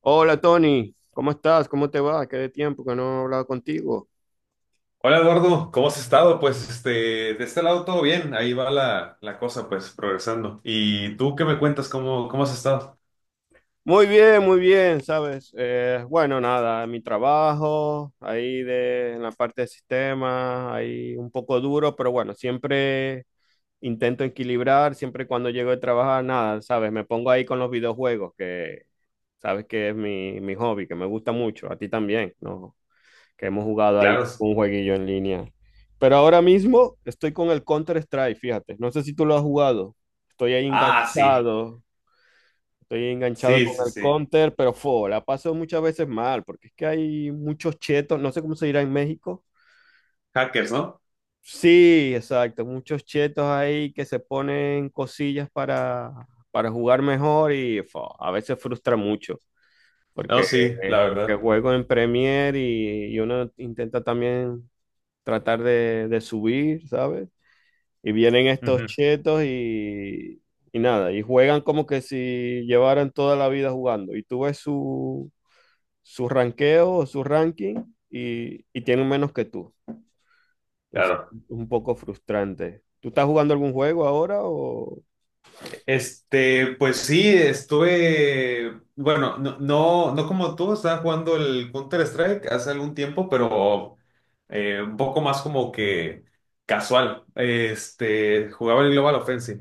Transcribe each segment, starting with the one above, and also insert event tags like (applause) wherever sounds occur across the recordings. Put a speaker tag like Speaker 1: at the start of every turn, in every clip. Speaker 1: Hola Tony, ¿cómo estás? ¿Cómo te va? Qué de tiempo que no he hablado contigo.
Speaker 2: Hola Eduardo, ¿cómo has estado? Pues de este lado todo bien, ahí va la cosa, pues progresando. ¿Y tú qué me cuentas? ¿Cómo has estado?
Speaker 1: Muy bien, ¿sabes? Bueno, nada, mi trabajo, en la parte de sistemas, ahí un poco duro, pero bueno, siempre intento equilibrar, siempre cuando llego de trabajar, nada, ¿sabes? Me pongo ahí con los videojuegos, que sabes que es mi hobby, que me gusta mucho, a ti también, ¿no? Que hemos jugado ahí
Speaker 2: Claro.
Speaker 1: un jueguillo en línea. Pero ahora mismo estoy con el Counter-Strike, fíjate. No sé si tú lo has jugado. Estoy ahí
Speaker 2: Ah, sí,
Speaker 1: enganchado. Estoy enganchado
Speaker 2: sí,
Speaker 1: con
Speaker 2: sí,
Speaker 1: el
Speaker 2: sí.
Speaker 1: Counter, pero fo, la paso muchas veces mal, porque es que hay muchos chetos, no sé cómo se dirá en México.
Speaker 2: Hackers, ¿no?
Speaker 1: Sí, exacto, muchos chetos ahí que se ponen cosillas para jugar mejor y fo, a veces frustra mucho,
Speaker 2: No,
Speaker 1: porque,
Speaker 2: sí, la
Speaker 1: porque
Speaker 2: verdad.
Speaker 1: juego en Premier y uno intenta también tratar de subir, ¿sabes? Y vienen estos
Speaker 2: Ujú.
Speaker 1: chetos y nada, y juegan como que si llevaran toda la vida jugando. Y tú ves su, su ranqueo o su ranking y tienen menos que tú. Entonces,
Speaker 2: Claro.
Speaker 1: un poco frustrante. ¿Tú estás jugando algún juego ahora o...?
Speaker 2: Pues sí, estuve, bueno, no, no, no como tú, estaba jugando el Counter-Strike hace algún tiempo, pero un poco más como que casual. Jugaba el Global Offensive.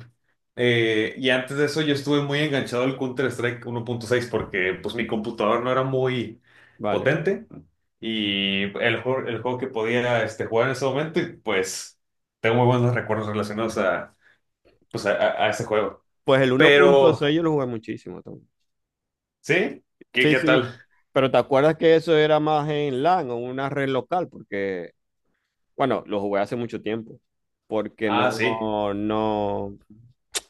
Speaker 2: Y antes de eso yo estuve muy enganchado al Counter-Strike 1.6 porque pues mi computador no era muy
Speaker 1: Vale.
Speaker 2: potente y el juego que podía jugar en ese momento y pues tengo muy buenos recuerdos relacionados a, pues, a ese juego.
Speaker 1: Pues el uno punto
Speaker 2: Pero,
Speaker 1: seis yo lo jugué muchísimo también.
Speaker 2: ¿sí? ¿Qué,
Speaker 1: Sí,
Speaker 2: qué
Speaker 1: sí,
Speaker 2: tal?
Speaker 1: pero ¿te acuerdas que eso era más en LAN o una red local? Porque bueno, lo jugué hace mucho tiempo, porque
Speaker 2: Ah, sí,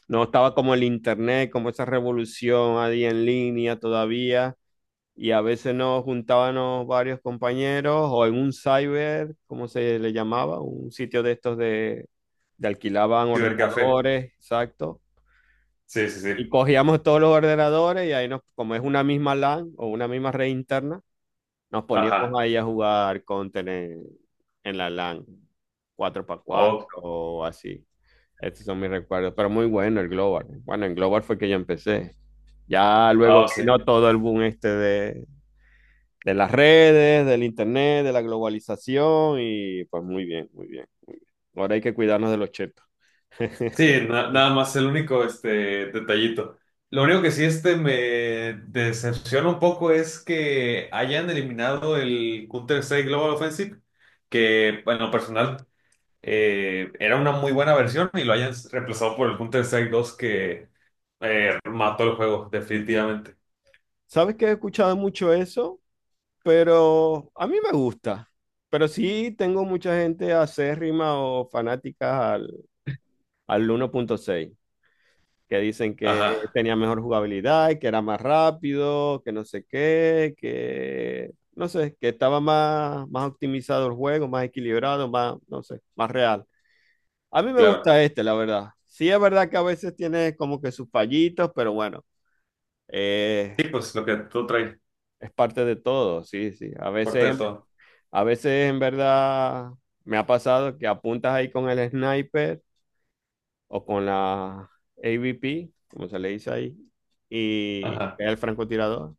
Speaker 1: no estaba como el internet, como esa revolución ahí en línea todavía, y a veces nos juntábamos varios compañeros o en un cyber, como se le llamaba, un sitio de estos de alquilaban
Speaker 2: cibercafé.
Speaker 1: ordenadores, exacto,
Speaker 2: Sí, sí, sí.
Speaker 1: y cogíamos todos los ordenadores y ahí nos, como es una misma LAN o una misma red interna, nos poníamos
Speaker 2: Ajá.
Speaker 1: ahí a jugar Counter en la LAN, 4x4
Speaker 2: Oh,
Speaker 1: o así. Estos son mis recuerdos, pero muy bueno el Global. Bueno, en Global fue que yo empecé. Ya luego
Speaker 2: ah, sí.
Speaker 1: vino todo el boom este de las redes, del internet, de la globalización y pues muy bien, muy bien, muy bien. Ahora hay que cuidarnos de los chetos.
Speaker 2: Sí, nada
Speaker 1: (laughs)
Speaker 2: más el único este detallito. Lo único que sí me decepciona un poco es que hayan eliminado el Counter-Strike Global Offensive, que en lo personal era una muy buena versión y lo hayan reemplazado por el Counter-Strike 2 que mató el juego definitivamente.
Speaker 1: ¿Sabes que he escuchado mucho eso? Pero a mí me gusta. Pero sí tengo mucha gente acérrima o fanática al, al 1.6, que dicen que
Speaker 2: Ajá,
Speaker 1: tenía mejor jugabilidad, y que era más rápido, que no sé qué, que no sé, que estaba más, más optimizado el juego, más equilibrado, más, no sé, más real. A mí me
Speaker 2: claro.
Speaker 1: gusta este, la verdad. Sí es verdad que a veces tiene como que sus fallitos, pero bueno, eh,
Speaker 2: Sí, pues lo que tú traes,
Speaker 1: es parte de todo, sí, sí. A
Speaker 2: fuerte
Speaker 1: veces
Speaker 2: de
Speaker 1: es...
Speaker 2: todo.
Speaker 1: A veces en verdad me ha pasado que apuntas ahí con el sniper o con la A V P, como se le dice ahí, y
Speaker 2: Ajá.
Speaker 1: el francotirador.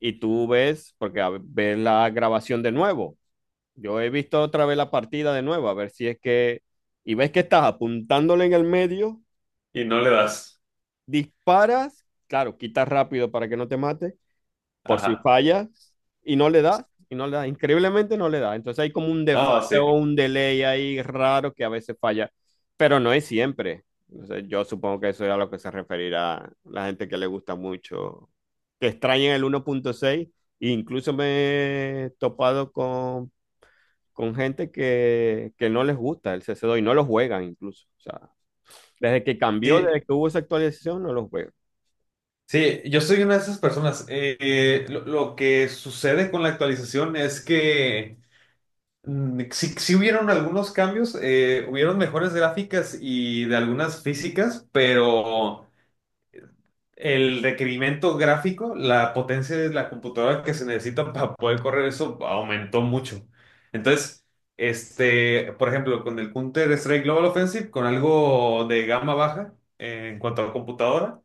Speaker 1: Y tú ves, porque ves la grabación de nuevo. Yo he visto otra vez la partida de nuevo, a ver si es que... Y ves que estás apuntándole en el medio,
Speaker 2: Y no le das.
Speaker 1: disparas, claro, quitas rápido para que no te mate por si
Speaker 2: Ajá.
Speaker 1: falla y no le da, y no le da, increíblemente no le da. Entonces hay como un
Speaker 2: No,
Speaker 1: desfase
Speaker 2: sí.
Speaker 1: o un delay ahí raro que a veces falla, pero no es siempre. Entonces yo supongo que eso es a lo que se referirá la gente que le gusta mucho, que extraña el 1.6. E incluso me he topado con gente que no les gusta el cc dos y no lo juegan incluso. O sea, desde que cambió,
Speaker 2: Sí,
Speaker 1: desde que hubo esa actualización, no lo juegan.
Speaker 2: sí, yo soy una de esas personas. Lo que sucede con la actualización es que sí, sí hubieron algunos cambios, hubieron mejores gráficas y de algunas físicas, pero el requerimiento gráfico, la potencia de la computadora que se necesita para poder correr eso aumentó mucho. Entonces, por ejemplo, con el Counter-Strike Global Offensive, con algo de gama baja en cuanto a computadora,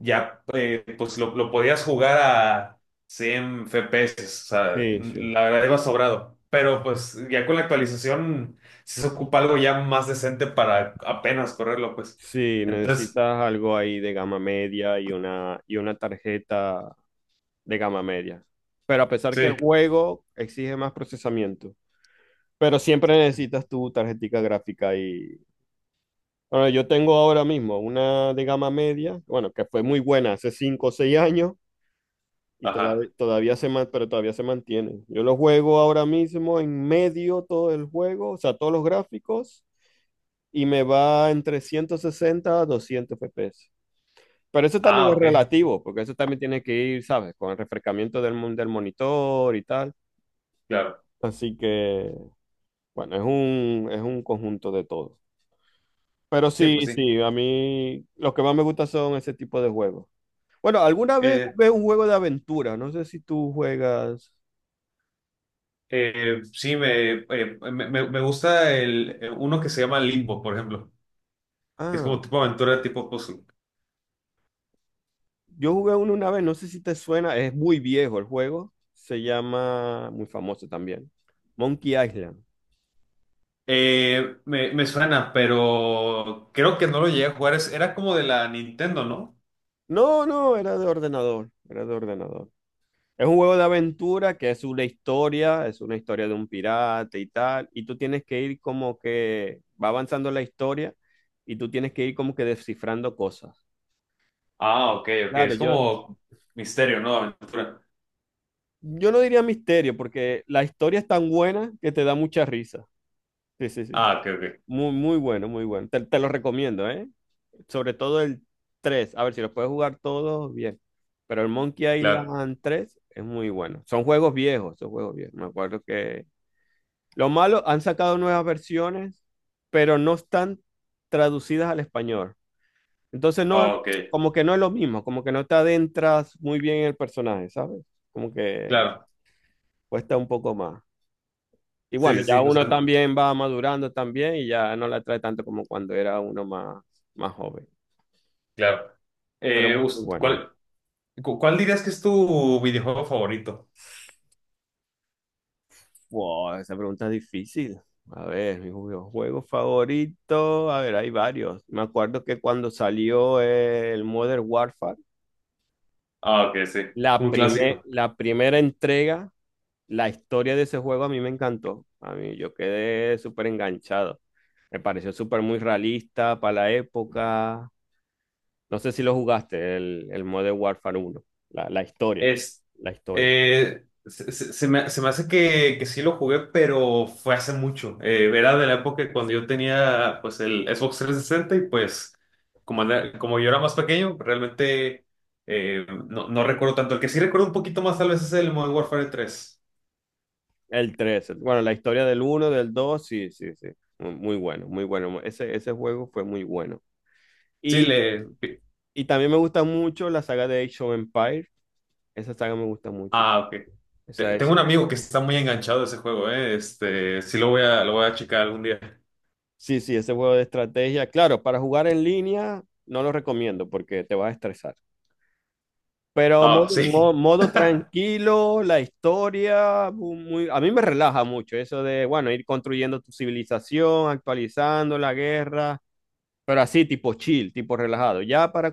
Speaker 2: ya pues lo podías jugar a 100 FPS. O sea,
Speaker 1: Sí, sí.
Speaker 2: la verdad iba sobrado. Pero pues ya con la actualización sí se ocupa algo ya más decente para apenas correrlo, pues.
Speaker 1: Sí,
Speaker 2: Entonces,
Speaker 1: necesitas algo ahí de gama media y una tarjeta de gama media. Pero a pesar que el
Speaker 2: sí.
Speaker 1: juego exige más procesamiento, pero siempre necesitas tu tarjetica gráfica y... Bueno, yo tengo ahora mismo una de gama media, bueno, que fue muy buena hace 5 o 6 años y todavía,
Speaker 2: Ajá.
Speaker 1: todavía se, pero todavía se mantiene. Yo lo juego ahora mismo en medio todo el juego, o sea, todos los gráficos y me va entre 160 a 200 FPS. Pero eso también
Speaker 2: Ah,
Speaker 1: es
Speaker 2: ok,
Speaker 1: relativo, porque eso también tiene que ir, ¿sabes? Con el refrescamiento del, del monitor y tal.
Speaker 2: claro.
Speaker 1: Así que, bueno, es un conjunto de todo. Pero
Speaker 2: Sí, pues
Speaker 1: sí,
Speaker 2: sí.
Speaker 1: sí, a mí lo que más me gusta son ese tipo de juegos. Bueno, alguna vez
Speaker 2: Eh,
Speaker 1: jugué un juego de aventura, no sé si tú juegas.
Speaker 2: sí, me gusta uno que se llama Limbo, por ejemplo, que es
Speaker 1: Ah,
Speaker 2: como tipo aventura, tipo puzzle.
Speaker 1: yo jugué uno una vez, no sé si te suena, es muy viejo el juego, se llama, muy famoso también, Monkey Island.
Speaker 2: Me suena, pero creo que no lo llegué a jugar. Era como de la Nintendo, ¿no?
Speaker 1: No, no, era de ordenador, era de ordenador. Es un juego de aventura que es una historia de un pirata y tal, y tú tienes que ir como que va avanzando la historia y tú tienes que ir como que descifrando cosas.
Speaker 2: Ah, ok, ok.
Speaker 1: Claro,
Speaker 2: Es
Speaker 1: yo,
Speaker 2: como misterio, ¿no? Aventura.
Speaker 1: yo no diría misterio porque la historia es tan buena que te da mucha risa. Sí, sí, sí.
Speaker 2: Ah, ok, ok.
Speaker 1: Muy, muy bueno, muy bueno. Te lo recomiendo, ¿eh? Sobre todo el 3. A ver si lo puedes jugar todos bien. Pero el Monkey
Speaker 2: Claro.
Speaker 1: Island 3 es muy bueno. Son juegos viejos, son juegos viejos. Me acuerdo que lo malo, han sacado nuevas versiones, pero no están traducidas al español. Entonces, no,
Speaker 2: Ah, ok,
Speaker 1: como que no es lo mismo, como que no te adentras muy bien en el personaje, ¿sabes? Como que
Speaker 2: claro.
Speaker 1: cuesta un poco más. Y
Speaker 2: Sí,
Speaker 1: bueno,
Speaker 2: sí, sí.
Speaker 1: ya
Speaker 2: No, o sea,
Speaker 1: uno
Speaker 2: no,
Speaker 1: también va madurando también y ya no la trae tanto como cuando era uno más, más joven.
Speaker 2: claro.
Speaker 1: Pero
Speaker 2: Eh,
Speaker 1: muy
Speaker 2: us-
Speaker 1: bueno.
Speaker 2: ¿cuál, cuál dirías que es tu videojuego favorito?
Speaker 1: Wow, esa pregunta es difícil. A ver, mi juego favorito. A ver, hay varios. Me acuerdo que cuando salió el Modern Warfare,
Speaker 2: Ah, ok, sí. Un clásico.
Speaker 1: La primera entrega, la historia de ese juego a mí me encantó. A mí yo quedé súper enganchado. Me pareció súper muy realista para la época. No sé si lo jugaste, el Modern Warfare uno la, la historia,
Speaker 2: Es,
Speaker 1: la historia.
Speaker 2: se me hace que sí lo jugué, pero fue hace mucho. Era de la época cuando yo tenía pues el Xbox 360 y pues como yo era más pequeño, realmente no recuerdo tanto. El que sí recuerdo un poquito más tal vez es el Modern Warfare 3.
Speaker 1: El tres bueno, la historia del uno del 2 sí, sí, sí. Muy, muy bueno, muy bueno. Ese juego fue muy bueno.
Speaker 2: Sí,
Speaker 1: Y,
Speaker 2: le...
Speaker 1: y también me gusta mucho la saga de Age of Empires. Esa saga me gusta mucho.
Speaker 2: Ah, ok.
Speaker 1: Esa
Speaker 2: Tengo
Speaker 1: es...
Speaker 2: un amigo que está muy enganchado a ese juego, ¿eh? Sí lo voy a checar algún día.
Speaker 1: Sí, sí, ese juego de estrategia. Claro, para jugar en línea no lo recomiendo porque te vas a estresar. Pero
Speaker 2: Ah, sí,
Speaker 1: modo tranquilo, la historia, mu- muy, a mí me relaja mucho eso de, bueno, ir construyendo tu civilización, actualizando la guerra, pero así tipo chill, tipo relajado. Ya para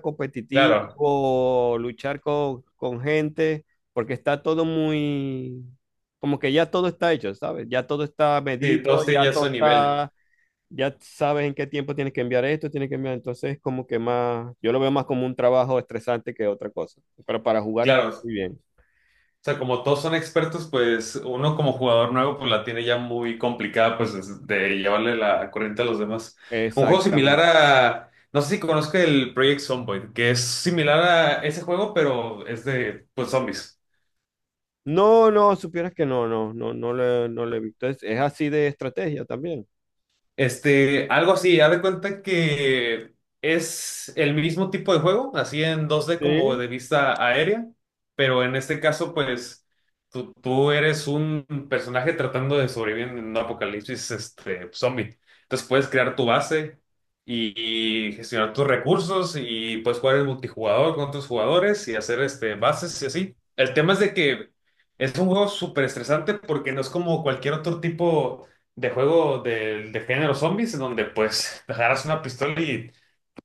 Speaker 2: (laughs) claro.
Speaker 1: competitivo, luchar con gente, porque está todo muy, como que ya todo está hecho, ¿sabes? Ya todo está
Speaker 2: Sí,
Speaker 1: medido,
Speaker 2: todos tienen
Speaker 1: ya
Speaker 2: ya
Speaker 1: todo
Speaker 2: su nivel.
Speaker 1: está... Ya sabes en qué tiempo tienes que enviar esto, tienes que enviar, entonces es como que más, yo lo veo más como un trabajo estresante que otra cosa, pero para jugar está
Speaker 2: Claro,
Speaker 1: muy bien.
Speaker 2: o sea, como todos son expertos, pues uno como jugador nuevo pues la tiene ya muy complicada pues de llevarle la corriente a los demás. Un juego similar
Speaker 1: Exactamente.
Speaker 2: a, no sé si conozco el Project Zomboid, que es similar a ese juego, pero es de pues zombies.
Speaker 1: No, no, supieras que no, no, no, no le, no le he visto. Es así de estrategia también.
Speaker 2: Algo así, haz de cuenta que es el mismo tipo de juego, así en 2D como
Speaker 1: Sí,
Speaker 2: de vista aérea, pero en este caso, pues, tú eres un personaje tratando de sobrevivir en un apocalipsis zombie. Entonces puedes crear tu base y gestionar tus recursos y puedes jugar en multijugador con tus jugadores y hacer bases y así. El tema es de que es un juego súper estresante porque no es como cualquier otro tipo de juego de género zombies, en donde pues (laughs) te agarras una pistola y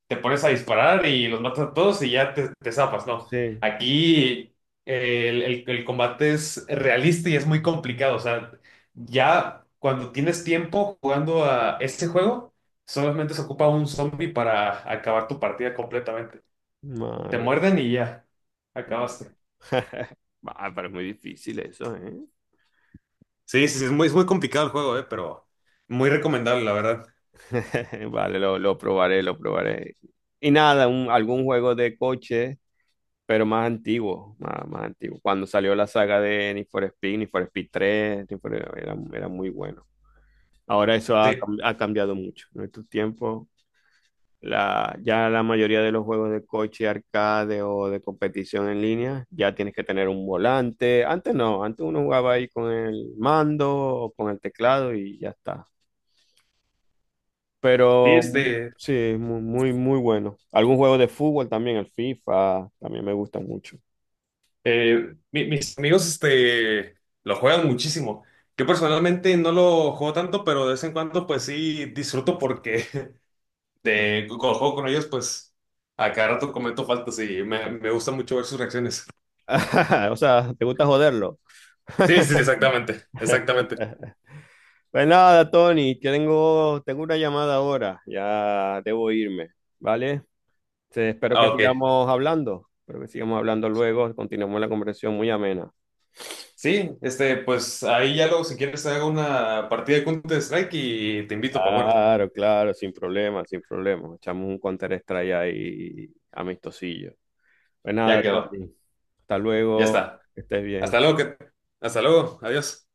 Speaker 2: te pones a disparar y los matas a todos y ya te zapas, ¿no?
Speaker 1: sí.
Speaker 2: Aquí el combate es realista y es muy complicado, o sea, ya cuando tienes tiempo jugando a este juego, solamente se ocupa un zombie para acabar tu partida completamente. Te
Speaker 1: Madre.
Speaker 2: muerden y ya, acabaste.
Speaker 1: (laughs) Ah, pero es muy difícil eso, ¿eh?
Speaker 2: Sí, sí, sí, es muy complicado el juego, pero muy recomendable, la verdad.
Speaker 1: (laughs) Vale, lo probaré, lo probaré. Y nada, un- algún juego de coche pero más antiguo, más, más antiguo. Cuando salió la saga de Need for Speed 3, Need for- era, era muy bueno. Ahora eso ha,
Speaker 2: Sí,
Speaker 1: ha cambiado mucho. En estos tiempos, la, ya la mayoría de los juegos de coche, arcade o de competición en línea, ya tienes que tener un volante. Antes no, antes uno jugaba ahí con el mando o con el teclado y ya está.
Speaker 2: sí,
Speaker 1: Pero sí, muy, muy, muy bueno. Algún juego de fútbol también, el FIFA, también me gusta mucho.
Speaker 2: Mis amigos lo juegan muchísimo. Yo personalmente no lo juego tanto, pero de vez en cuando pues sí disfruto porque (laughs) cuando juego con ellos pues a cada rato cometo faltas y me gusta mucho ver sus reacciones.
Speaker 1: (laughs) O sea, ¿te gusta joderlo?
Speaker 2: Sí, sí, exactamente, exactamente.
Speaker 1: (laughs) Pues nada, Tony, que tengo, tengo una llamada ahora, ya debo irme, ¿vale? Espero
Speaker 2: Ah,
Speaker 1: que
Speaker 2: ok.
Speaker 1: sigamos hablando, espero que sigamos hablando luego, continuemos la conversación muy amena.
Speaker 2: Sí, pues ahí ya luego si quieres hago una partida de Counter Strike y te invito para jugar.
Speaker 1: Claro, claro, sin problema, sin problema. Echamos un counter strike ahí amistosillo. Pues
Speaker 2: Ya
Speaker 1: nada,
Speaker 2: quedó,
Speaker 1: Tony, hasta
Speaker 2: ya
Speaker 1: luego,
Speaker 2: está.
Speaker 1: que estés bien.
Speaker 2: Hasta luego, hasta luego, adiós.